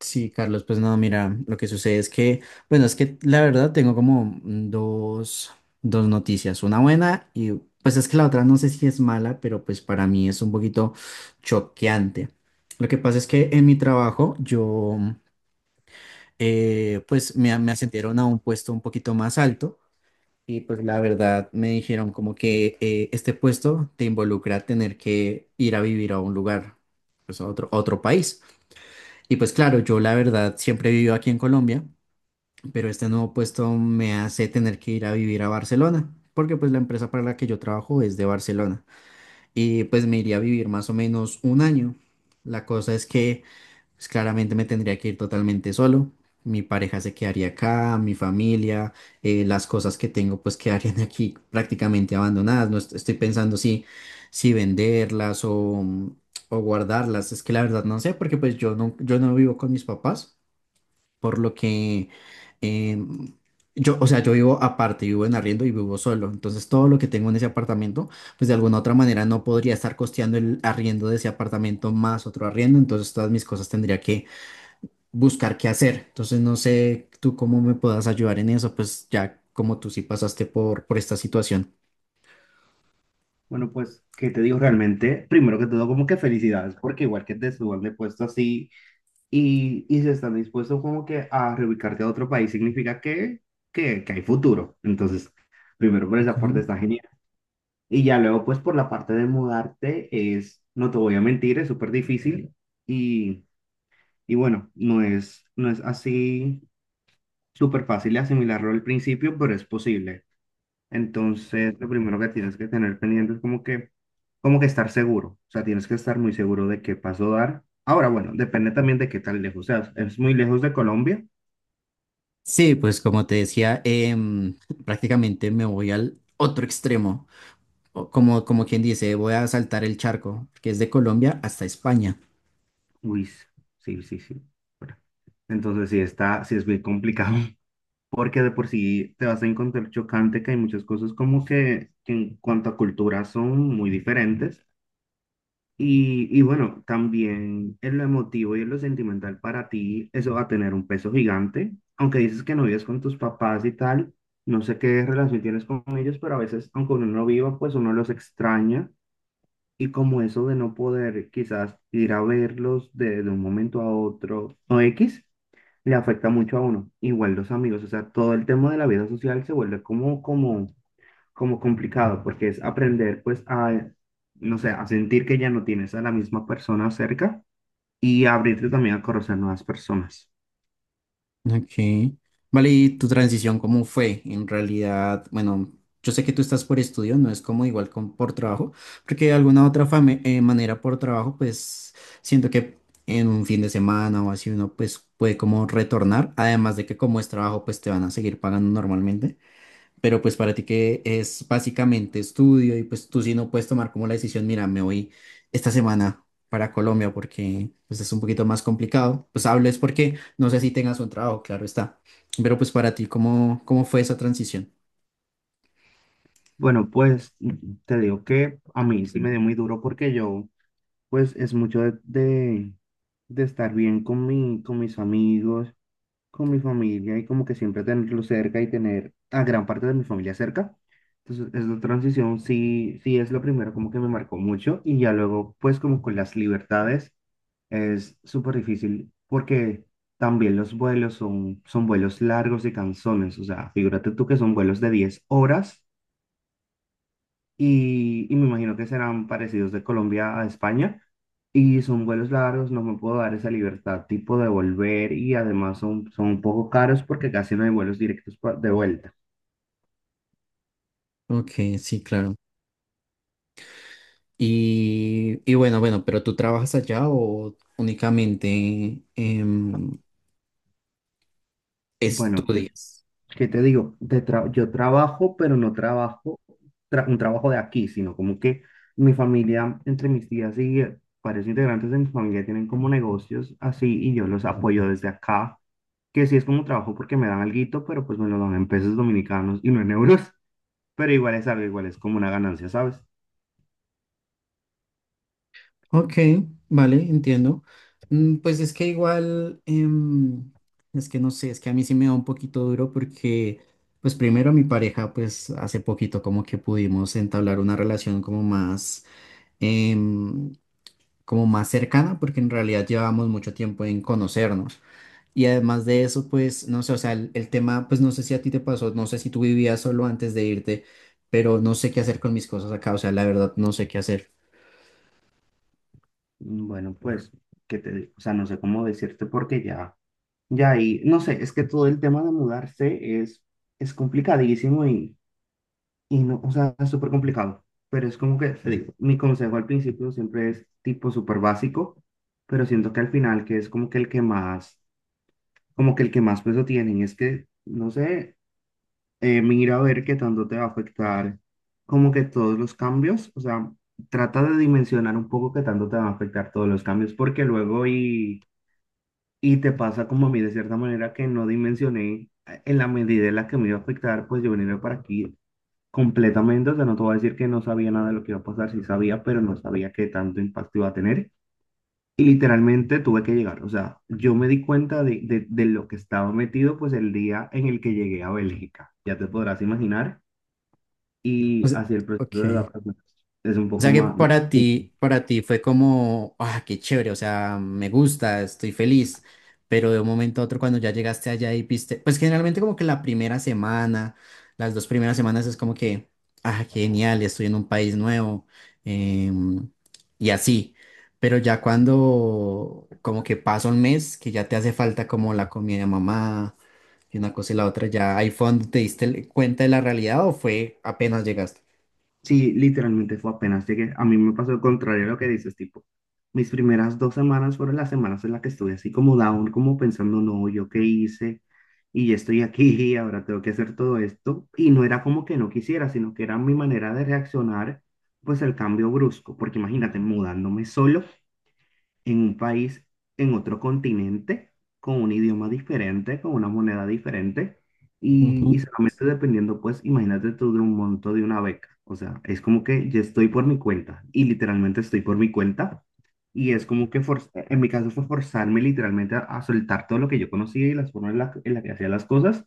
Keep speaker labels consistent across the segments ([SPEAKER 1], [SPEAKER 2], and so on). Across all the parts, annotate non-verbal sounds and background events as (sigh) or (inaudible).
[SPEAKER 1] Sí, Carlos, pues no, mira, lo que sucede es que, bueno, es que la verdad tengo como dos noticias, una buena y pues es que la otra no sé si es mala, pero pues para mí es un poquito choqueante. Lo que pasa es que en mi trabajo yo, pues me ascendieron a un puesto un poquito más alto y pues la verdad me dijeron como que este puesto te involucra tener que ir a vivir a un lugar, pues a otro país. Y pues claro, yo la verdad siempre he vivido aquí en Colombia, pero este nuevo puesto me hace tener que ir a vivir a Barcelona, porque pues la empresa para la que yo trabajo es de Barcelona. Y pues me iría a vivir más o menos un año. La cosa es que pues claramente me tendría que ir totalmente solo. Mi pareja se quedaría acá, mi familia, las cosas que tengo pues quedarían (laughs) aquí prácticamente abandonadas. Estoy pensando si, si venderlas o guardarlas. Es que la verdad no sé, porque pues yo no vivo con mis papás, por lo que em, yo, o sea, yo vivo aparte, vivo en arriendo y vivo solo. Entonces todo lo que tengo en ese apartamento pues de alguna otra manera no podría estar costeando el arriendo de ese apartamento más otro arriendo, entonces todas mis cosas tendría que buscar qué hacer. Entonces no sé tú cómo me puedas ayudar en eso, pues ya como tú sí pasaste por esta situación.
[SPEAKER 2] Bueno, pues, ¿qué te digo realmente? Primero que todo, como que felicidades, porque igual que te suban de puesto así y se están dispuestos como que a reubicarte a otro país, significa que hay futuro. Entonces, primero por
[SPEAKER 1] Ok.
[SPEAKER 2] esa parte está genial. Y ya luego, pues, por la parte de mudarte es, no te voy a mentir, es súper difícil y, bueno, no es así súper fácil de asimilarlo al principio, pero es posible. Entonces, lo primero que tienes que tener pendiente es como que estar seguro. O sea, tienes que estar muy seguro de qué paso dar. Ahora, bueno, depende también de qué tan lejos seas. ¿Es muy lejos de Colombia?
[SPEAKER 1] Sí, pues como te decía, (laughs) prácticamente me voy al otro extremo, o como quien dice, voy a saltar el charco, que es de Colombia hasta España.
[SPEAKER 2] Uy, sí, sí, sí. Bueno, entonces sí está, sí es muy complicado. (laughs) Porque de por sí te vas a encontrar chocante que hay muchas cosas como que en cuanto a cultura son muy diferentes. Y bueno, también en lo emotivo y en lo sentimental para ti, eso va a tener un peso gigante. Aunque dices que no vives con tus papás y tal, no sé qué relación tienes con ellos, pero a veces, aunque uno no viva, pues uno los extraña. Y como eso de no poder quizás ir a verlos de un momento a otro o X, le afecta mucho a uno. Igual los amigos, o sea, todo el tema de la vida social se vuelve como, como complicado, porque es aprender pues a, no sé, a sentir que ya no tienes a la misma persona cerca y abrirte también a conocer nuevas personas.
[SPEAKER 1] Ok. Vale, ¿y tu transición cómo fue? En realidad, bueno, yo sé que tú estás por estudio, no es como igual con, por trabajo, porque de alguna otra manera por trabajo, pues siento que en un fin de semana o así uno pues puede como retornar, además de que como es trabajo, pues te van a seguir pagando normalmente, pero pues para ti que es básicamente estudio y pues tú sí no puedes tomar como la decisión, mira, me voy esta semana para Colombia porque pues es un poquito más complicado. Pues hablo es porque no sé si tengas un trabajo, claro está. Pero pues para ti, ¿cómo, cómo fue esa transición?
[SPEAKER 2] Bueno, pues te digo que a mí sí me dio muy duro porque yo pues es mucho de estar bien con mi, con mis amigos, con mi familia y como que siempre tenerlo cerca y tener a gran parte de mi familia cerca. Entonces, esta transición sí, sí es lo primero como que me marcó mucho y ya luego, pues como con las libertades, es súper difícil porque también los vuelos son vuelos largos y cansones. O sea, figúrate tú que son vuelos de 10 horas y me imagino que serán parecidos de Colombia a España. Y son vuelos largos, no me puedo dar esa libertad tipo de volver y además son un poco caros porque casi no hay vuelos directos pa- de vuelta.
[SPEAKER 1] Ok, sí, claro. Y bueno, bueno, pero ¿tú trabajas allá o únicamente
[SPEAKER 2] Bueno, ¿qué,
[SPEAKER 1] estudias?
[SPEAKER 2] qué te digo? Te tra- yo trabajo, pero no trabajo tra- un trabajo de aquí, sino como que mi familia, entre mis tías y varios integrantes de mi familia tienen como negocios así y yo los apoyo desde acá, que sí es como trabajo porque me dan alguito, pero pues me lo dan en pesos dominicanos y no en euros, (laughs) pero igual es algo, igual es como una ganancia, ¿sabes?
[SPEAKER 1] Ok, vale, entiendo. Mm, pues es que igual, es que no sé, es que a mí sí me da un poquito duro porque, pues primero mi pareja, pues hace poquito como que pudimos entablar una relación como más, em, como más cercana, porque en realidad llevamos mucho tiempo en conocernos. Y además de eso, pues, no sé, o sea, el tema, pues no sé si a ti te pasó, no sé si tú vivías solo antes de irte, pero no sé qué hacer con mis cosas acá, o sea, la verdad no sé qué hacer.
[SPEAKER 2] Mm, bueno, pues, que te digo? O sea, no sé cómo decirte porque ya ahí, no sé, es que todo el tema de mudarse es complicadísimo y no, o sea, es súper complicado, pero es como que, te digo, mi consejo al principio siempre es tipo súper básico, pero siento que al final que es como que el que más, como que el que más peso tienen, es que, no sé, mira a ver qué tanto te va a afectar, como que todos los cambios, o sea, trata de dimensionar un poco qué tanto te van a afectar todos los cambios, porque luego y te pasa como a mí de cierta manera que no dimensioné en la medida en la que me iba a afectar, pues yo venía para aquí completamente, o sea, no te voy a decir que no sabía nada de lo que iba a pasar, sí sabía, pero no sabía qué tanto impacto iba a tener. Y literalmente tuve que llegar, o sea, yo me di cuenta de lo que estaba metido, pues el día en el que llegué a Bélgica, ya te podrás imaginar,
[SPEAKER 1] O
[SPEAKER 2] y
[SPEAKER 1] sea,
[SPEAKER 2] así el proceso de
[SPEAKER 1] ok.
[SPEAKER 2] adaptación es un
[SPEAKER 1] O
[SPEAKER 2] poco
[SPEAKER 1] sea que
[SPEAKER 2] más...
[SPEAKER 1] para ti fue como, ah, qué chévere, o sea, me gusta, estoy feliz, pero de un momento a otro cuando ya llegaste allá y viste, pues generalmente como que la primera semana, las dos primeras semanas es como que, ah, qué genial, estoy en un país nuevo, em, y así, pero ya cuando como que pasa un mes, que ya te hace falta como la comida de mamá y una cosa y la otra, ya ahí fue donde te diste cuenta de la realidad o fue apenas llegaste.
[SPEAKER 2] Sí, literalmente fue apenas llegué. A mí me pasó el contrario a lo que dices, tipo, mis primeras 2 semanas fueron las semanas en las que estuve así como down, como pensando, no, ¿yo qué hice? Y ya estoy aquí (laughs) ahora tengo que hacer todo esto. Y no era como que no quisiera, sino que era mi manera de reaccionar, pues al cambio brusco, porque imagínate, mudándome solo en un país, en otro continente, con un idioma diferente, con una moneda diferente,
[SPEAKER 1] Ujú,
[SPEAKER 2] y solamente dependiendo, pues, imagínate tú de un monto de una beca. O sea, es como que yo estoy por mi cuenta, y literalmente estoy por mi cuenta, y es como que forz- en mi caso fue forzarme literalmente a soltar todo lo que yo conocía y las formas en las la que hacía las cosas,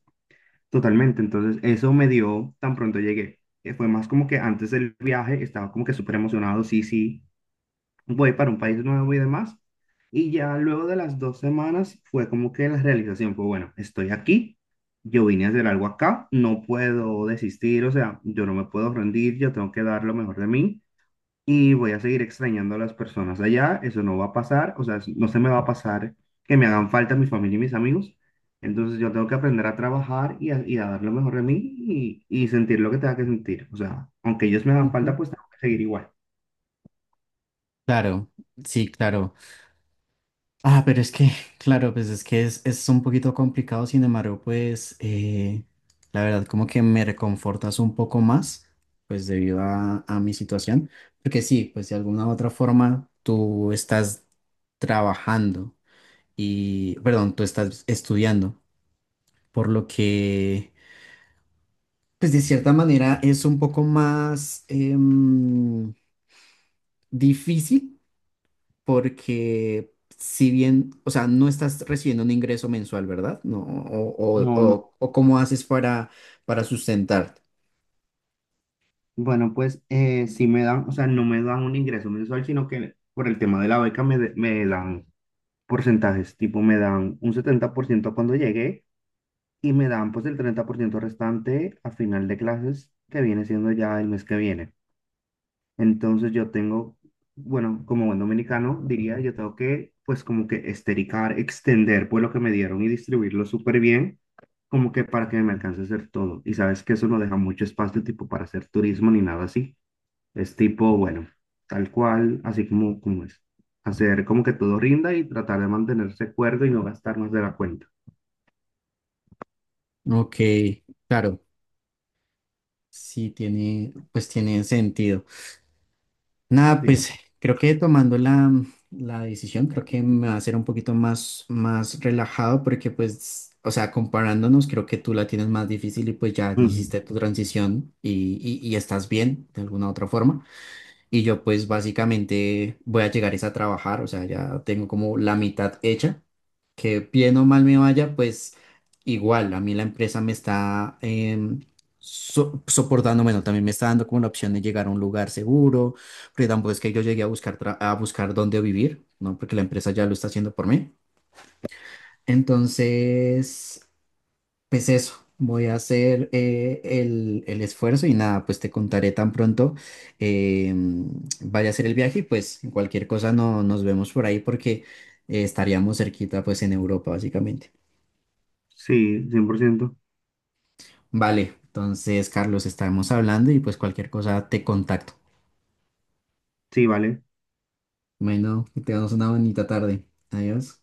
[SPEAKER 2] totalmente. Entonces, eso me dio, tan pronto llegué. Fue más como que antes del viaje estaba como que súper emocionado, sí, sí, voy para un país nuevo y demás. Y ya luego de las 2 semanas fue como que la realización fue, bueno, estoy aquí, yo vine a hacer algo acá, no puedo desistir, o sea, yo no me puedo rendir, yo tengo que dar lo mejor de mí y voy a seguir extrañando a las personas allá, eso no va a pasar, o sea, no se me va a pasar que me hagan falta mi familia y mis amigos. Entonces yo tengo que aprender a trabajar y a dar lo mejor de mí y sentir lo que tenga que sentir. O sea, aunque ellos me hagan falta,
[SPEAKER 1] ujú.
[SPEAKER 2] pues tengo que seguir igual.
[SPEAKER 1] Claro, sí, claro. Ah, pero es que, (laughs) claro, pues es que es un poquito complicado, sin embargo, pues la verdad como que me reconfortas un poco más, pues debido a mi situación, porque sí, pues de alguna u otra forma tú estás trabajando y, perdón, tú estás estudiando, por lo que, pues de cierta manera es un poco más difícil porque si bien, o sea, no estás recibiendo un ingreso mensual, ¿verdad? No,
[SPEAKER 2] No, no.
[SPEAKER 1] o cómo haces para sustentarte.
[SPEAKER 2] Bueno, pues sí me dan, o sea, no me dan un ingreso mensual, sino que por el tema de la beca me, de- me dan porcentajes, tipo me dan un 70% cuando llegué y me dan pues el 30% restante a final de clases, que viene siendo ya el mes que viene. Entonces yo tengo, bueno, como buen dominicano diría, yo tengo que pues como que estericar, extender pues lo que me dieron y distribuirlo súper bien, como que para que me alcance a hacer todo. Y sabes que eso no deja mucho espacio tipo para hacer turismo ni nada así. Es tipo, bueno, tal cual, así como, como es. Hacer como que todo rinda y tratar de mantenerse cuerdo y no gastar más de la cuenta.
[SPEAKER 1] Ok, claro, sí tiene, pues tiene sentido. Nada,
[SPEAKER 2] Sí.
[SPEAKER 1] pues creo que tomando la, la decisión, creo que me va a hacer un poquito más, más relajado porque pues, o sea, comparándonos, creo que tú la tienes más difícil y pues ya
[SPEAKER 2] Ujú.
[SPEAKER 1] hiciste tu transición y estás bien de alguna otra forma. Y yo pues básicamente voy a llegar es a trabajar, o sea, ya tengo como la mitad hecha, que bien o mal me vaya, pues igual, a mí la empresa me está soportando, bueno, también me está dando como la opción de llegar a un lugar seguro, porque tampoco es que yo llegué a buscar, a buscar dónde vivir, ¿no? Porque la empresa ya lo está haciendo por mí. Entonces, pues eso, voy a hacer el esfuerzo y nada, pues te contaré tan pronto eh, vaya a hacer el viaje y pues cualquier cosa no, nos vemos por ahí porque estaríamos cerquita pues en Europa básicamente.
[SPEAKER 2] Sí, 100%.
[SPEAKER 1] Vale, entonces Carlos, estamos hablando y pues cualquier cosa te contacto.
[SPEAKER 2] Sí, vale.
[SPEAKER 1] Bueno, que tengamos una bonita tarde. Adiós.